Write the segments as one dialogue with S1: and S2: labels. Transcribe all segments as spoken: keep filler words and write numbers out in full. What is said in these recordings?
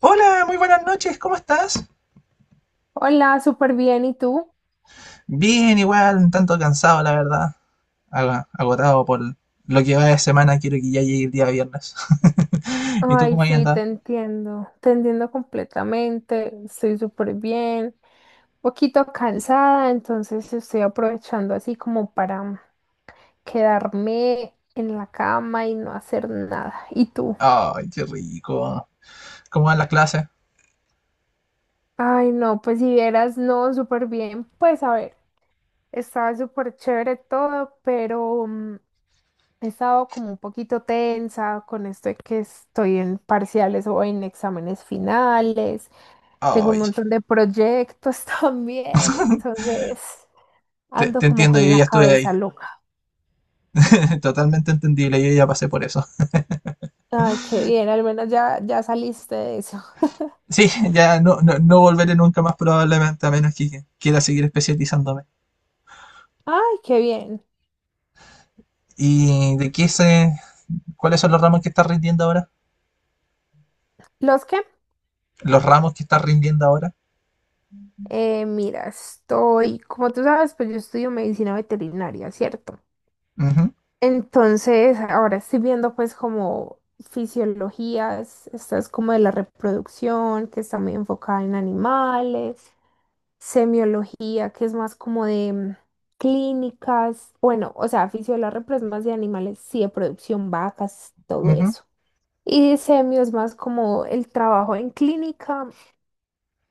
S1: Hola, muy buenas noches, ¿cómo estás?
S2: Hola, súper bien. ¿Y tú?
S1: Bien, igual, un tanto cansado, la verdad. Aga- Agotado por lo que va de semana, quiero que ya llegue el día viernes. ¿Y tú
S2: Ay,
S1: cómo has
S2: sí, te
S1: andado?
S2: entiendo. Te entiendo completamente. Estoy súper bien. Un poquito cansada, entonces estoy aprovechando así como para quedarme en la cama y no hacer nada. ¿Y tú?
S1: Ay, qué rico. ¿Cómo van las clases?
S2: Ay, no, pues si vieras, no, súper bien. Pues a ver, estaba súper chévere todo, pero mm, he estado como un poquito tensa con esto de que estoy en parciales o en exámenes finales. Tengo un
S1: Ay,
S2: montón de proyectos también, entonces
S1: te,
S2: ando
S1: te
S2: como
S1: entiendo,
S2: con
S1: yo
S2: la
S1: ya estuve ahí.
S2: cabeza loca.
S1: Totalmente entendible, yo ya pasé por eso.
S2: Ay, qué bien, al menos ya, ya saliste de eso.
S1: Sí, ya no, no, no volveré nunca más probablemente, a menos que quiera seguir especializándome.
S2: Ay, qué bien.
S1: ¿Y de qué se, cuáles son los ramos que estás rindiendo ahora?
S2: ¿Los qué?
S1: ¿Los ramos que estás rindiendo ahora?
S2: Eh, mira, estoy, como tú sabes, pues yo estudio medicina veterinaria, ¿cierto?
S1: Ujú,
S2: Entonces, ahora estoy viendo pues como fisiologías, esta es como de la reproducción, que está muy enfocada en animales. Semiología, que es más como de mm, clínicas, bueno, o sea, fisiología pero es más de animales, sí, de producción, vacas, todo
S1: ujú.
S2: eso. Y semio es más como el trabajo en clínica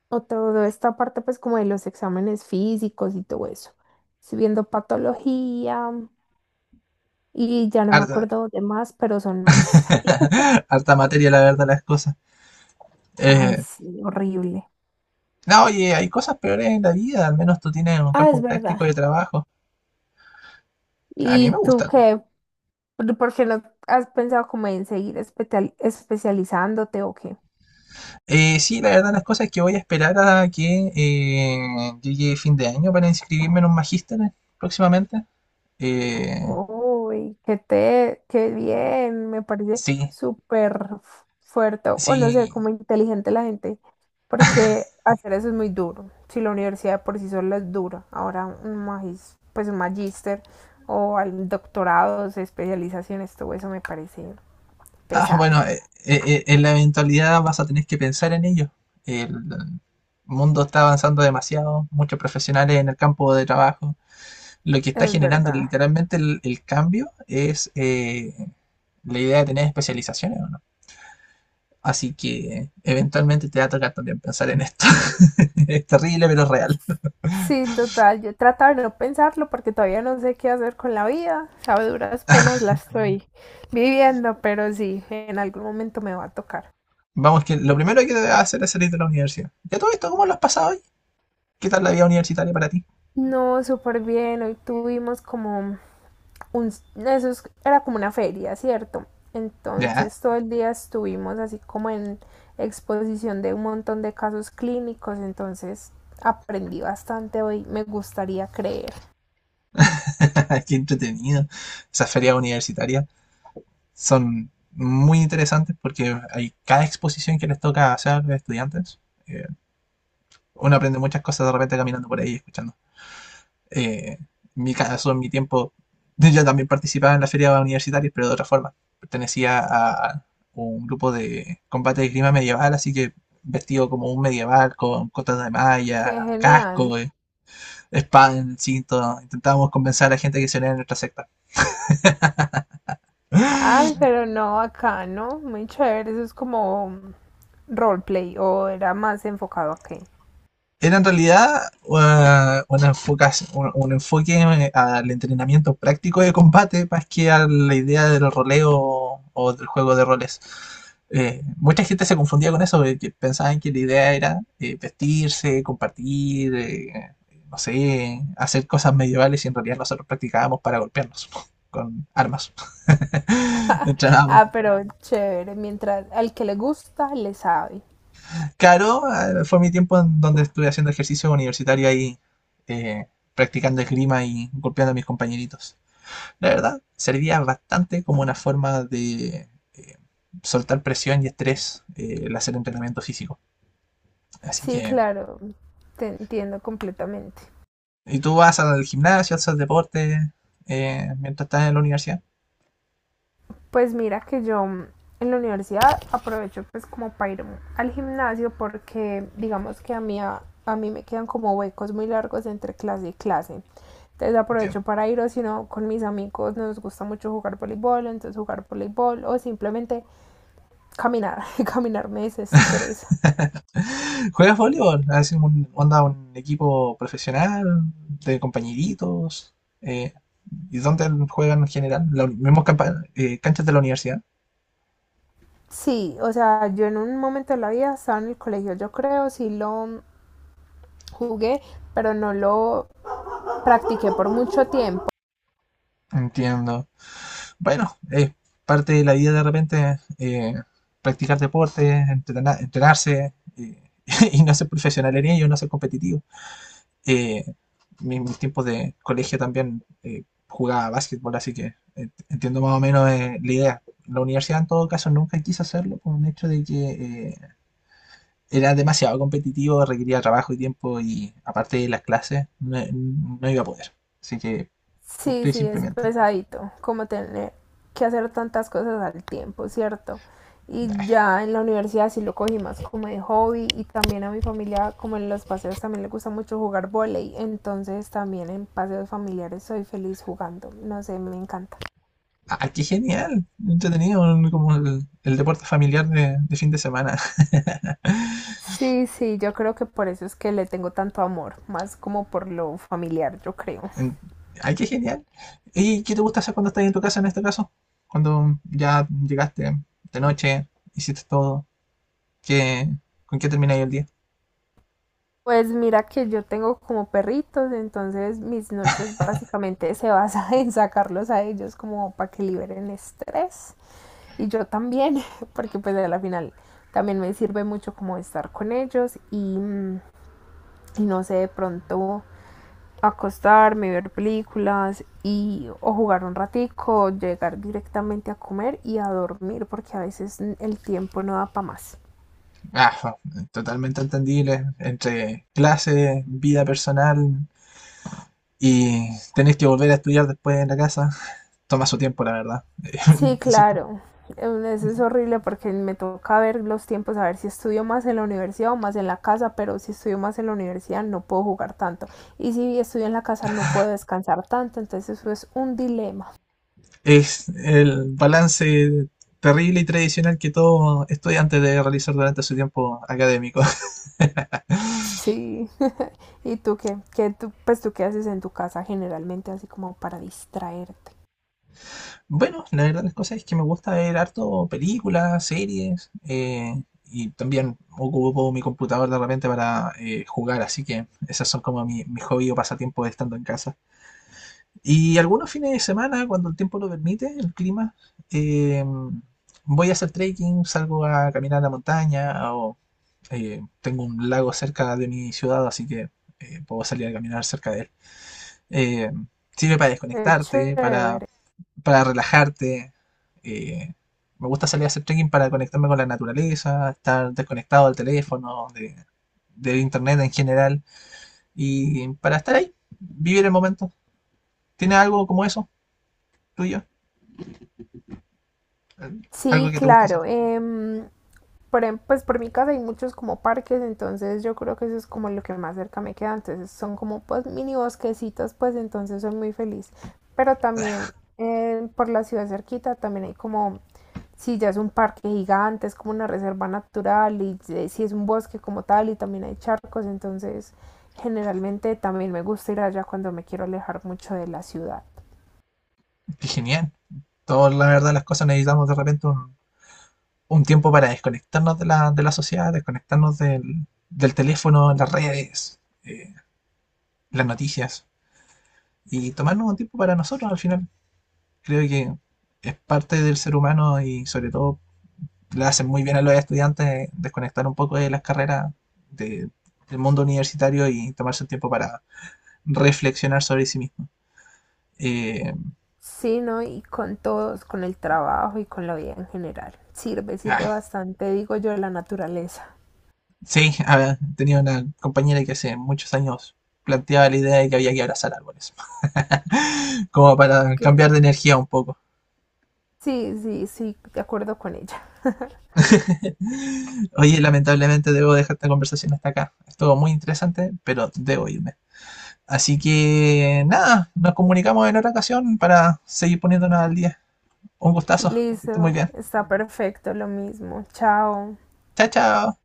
S2: o toda esta parte pues como de los exámenes físicos y todo eso. Estoy viendo patología mm, y ya no me
S1: Ar-
S2: acuerdo de más, pero son más.
S1: Harta materia, la verdad, las cosas.
S2: Ay,
S1: Eh,
S2: sí, horrible.
S1: no, oye, hay cosas peores en la vida, al menos tú tienes un
S2: Ah, es
S1: campo
S2: verdad.
S1: práctico de trabajo. A mí me
S2: ¿Y tú
S1: gusta.
S2: qué? ¿Por por qué no has pensado como en seguir espetal- especializándote o qué?
S1: Eh, sí, la verdad, las cosas es que voy a esperar a que eh, llegue fin de año para inscribirme en un magíster próximamente. Eh,
S2: Uy, qué te, qué bien, me parece
S1: sí,
S2: súper fu- fuerte, bueno, o no sé,
S1: sí.
S2: como inteligente la gente, porque hacer eso es muy duro. Si la universidad por sí sola es dura, ahora un magis, pues un magíster o al doctorado, especializaciones, todo eso me parece
S1: Ah,
S2: pesado.
S1: bueno, eh, eh, eh, en la eventualidad vas a tener que pensar en ello. El mundo está avanzando demasiado, muchos profesionales en el campo de trabajo. Lo que está
S2: Es
S1: generando
S2: verdad.
S1: literalmente el, el cambio es eh, la idea de tener especializaciones, ¿o ¿no? Así que eventualmente te va a tocar también pensar en esto. Es terrible, pero es real.
S2: Sí, total, yo he tratado de no pensarlo porque todavía no sé qué hacer con la vida, o sea, a duras penas la estoy viviendo, pero sí, en algún momento me va a tocar.
S1: Vamos, que lo primero que debes hacer es salir de la universidad. ¿Ya todo esto cómo lo has pasado hoy? ¿Qué tal la vida universitaria para ti?
S2: No, súper bien. Hoy tuvimos como un... Eso es- era como una feria, ¿cierto?
S1: Ya,
S2: Entonces todo el día estuvimos así como en exposición de un montón de casos clínicos. Entonces aprendí bastante hoy, me gustaría creer.
S1: qué entretenido. Esas ferias universitarias son muy interesantes porque hay cada exposición que les toca hacer a los estudiantes. eh, Uno aprende muchas cosas de repente caminando por ahí, escuchando. Eh, en mi caso, en mi tiempo, yo también participaba en las ferias universitarias, pero de otra forma. Pertenecía a un grupo de combate de clima medieval, así que vestido como un medieval, con cotas de
S2: Qué
S1: malla,
S2: genial.
S1: casco, eh, espada en el cinto. Intentábamos convencer a la gente que se uniera a nuestra secta.
S2: Ay, pero no, acá, ¿no? Muy chévere. Eso es como roleplay o era más enfocado a qué.
S1: Era en realidad uh, un, enfocas- un- un enfoque eh, al entrenamiento práctico de combate más que a la idea del roleo o del juego de roles. Eh, mucha gente se confundía con eso, eh, que pensaban que la idea era eh, vestirse, compartir, eh, no sé, hacer cosas medievales y en realidad nosotros practicábamos para golpearnos con armas. Entrenábamos.
S2: Ah, pero chévere. Mientras al que le gusta, le sabe.
S1: Claro, eh, fue mi tiempo en donde estuve haciendo ejercicio universitario ahí, eh, practicando esgrima y golpeando a mis compañeritos. La verdad, servía bastante como una forma de eh, soltar presión y estrés eh, el hacer entrenamiento físico. Así
S2: Sí,
S1: que,
S2: claro, te entiendo completamente.
S1: ¿y tú vas al gimnasio, haces deporte eh, mientras estás en la universidad?
S2: Pues mira que yo mm, en la universidad aprovecho pues como para ir al gimnasio porque digamos que a mí, a, a mí me quedan como huecos muy largos entre clase y clase. Entonces aprovecho
S1: Entiendo.
S2: para ir o si no con mis amigos nos gusta mucho jugar voleibol, entonces jugar voleibol o simplemente caminar, caminar me desestresa.
S1: ¿Juegas voleibol? ¿Haces un, onda un equipo profesional de compañeritos? Eh, ¿Y dónde juegan en general? ¿Los mismos campa- eh, canchas de la universidad?
S2: Sí, o sea, yo en un momento de la vida estaba en el colegio, yo creo, sí lo jugué, pero no lo practiqué por mucho tiempo.
S1: Entiendo. Bueno, es parte de la vida de repente eh, practicar deporte, entrena- entrenarse eh, y no ser profesional en ello, no ser competitivo. Eh, mi- Mis tiempos de colegio también eh, jugaba básquetbol, así que eh, entiendo más o menos eh, la idea. La universidad en todo caso nunca quise hacerlo por un hecho de que eh, era demasiado competitivo, requería trabajo y tiempo y aparte de las clases no, no iba a poder. Así que
S2: Sí,
S1: opté
S2: sí, es
S1: simplemente.
S2: pesadito, como tener que hacer tantas cosas al tiempo, ¿cierto? Y
S1: ¡Ah,
S2: ya en la universidad sí lo cogí más como de hobby y también a mi familia, como en los paseos, también le gusta mucho jugar volei. Entonces también en paseos familiares soy feliz jugando. No sé, me encanta.
S1: ah, qué genial! Entretenido, como el, el deporte familiar de de fin de semana.
S2: Sí, sí, yo creo que por eso es que le tengo tanto amor, más como por lo familiar, yo creo.
S1: En- Ay, qué genial. ¿Y qué te gusta hacer cuando estás en tu casa en este caso? Cuando ya llegaste de noche, hiciste todo, ¿qué, con qué termináis el día?
S2: Pues mira que yo tengo como perritos, entonces mis noches básicamente se basan en sacarlos a ellos como para que liberen estrés y yo también, porque pues a la final también me sirve mucho como estar con ellos y, mm, y no sé, de pronto acostarme, ver películas y o jugar un ratico, llegar directamente a comer y a dormir, porque a veces mm, el tiempo no da para más.
S1: Ah, totalmente entendible. Entre clases, vida personal y tenés que volver a estudiar después en la casa. Toma su tiempo, la verdad.
S2: Sí,
S1: Insisto.
S2: claro. Em, eso es horrible porque me toca ver los tiempos, a ver si estudio más en la universidad o más en la casa, pero si estudio más en la universidad no puedo jugar tanto. Y si estudio en la casa no puedo descansar tanto, entonces eso es un dilema.
S1: Es el balance terrible y tradicional que todo estudiante debe realizar durante su tiempo académico.
S2: Sí. ¿Y tú qué? ¿Qué tú, pues tú qué haces en tu casa generalmente así como para distraerte?
S1: Bueno, la verdad las cosas es que me gusta ver harto películas, series, eh, y también ocupo mi computador de repente para eh, jugar, así que esas son como mi, mi hobby o pasatiempo de estando en casa. Y algunos fines de semana, cuando el tiempo lo permite, el clima, eh, voy a hacer trekking, salgo a caminar a la montaña, o eh, tengo un lago cerca de mi ciudad, así que eh, puedo salir a caminar cerca de él. Eh, Sirve para
S2: Qué
S1: desconectarte, para
S2: chévere.
S1: para relajarte. eh, Me gusta salir a hacer trekking para conectarme con la naturaleza, estar desconectado del teléfono, de, del internet en general, y para estar ahí, vivir el momento. ¿Tienes algo como eso, tuyo? Al-
S2: Sí,
S1: Algo que te gusta hacer.
S2: claro. Em, por, em- pues por mi casa hay muchos como parques, entonces yo creo que eso es como lo que más cerca me queda, entonces son como pues mini bosquecitos, pues entonces soy muy feliz. Pero también eh, por la ciudad cerquita también hay como, si ya es un parque gigante, es como una reserva natural y eh, si es un bosque como tal y también hay charcos, entonces generalmente también me gusta ir allá cuando me quiero alejar mucho de la ciudad.
S1: Qué genial. Todos, la verdad, las cosas necesitamos de repente un, un tiempo para desconectarnos de la, de la sociedad, desconectarnos del, del teléfono, las redes, eh, las noticias, y tomarnos un tiempo para nosotros al final. Creo que es parte del ser humano y sobre todo le hacen muy bien a los estudiantes desconectar un poco de las carreras de- del mundo universitario y tomarse un tiempo para reflexionar sobre sí mismo. Eh,
S2: Sí, ¿no? Y con todos, con el trabajo y con la vida en general. Sirve, sirve
S1: ah,
S2: bastante, digo yo, la naturaleza.
S1: sí, ah, tenía una compañera que hace muchos años planteaba la idea de que había que abrazar árboles, como para
S2: Que
S1: cambiar de energía un poco.
S2: sí, sí, sí, de acuerdo con ella.
S1: Oye, lamentablemente debo dejar esta conversación hasta acá. Estuvo muy interesante, pero debo irme. Así que nada, nos comunicamos en otra ocasión para seguir poniéndonos al día. Un gustazo, que esté muy
S2: Listo,
S1: bien.
S2: está perfecto, lo mismo. Chao.
S1: Chao, chao.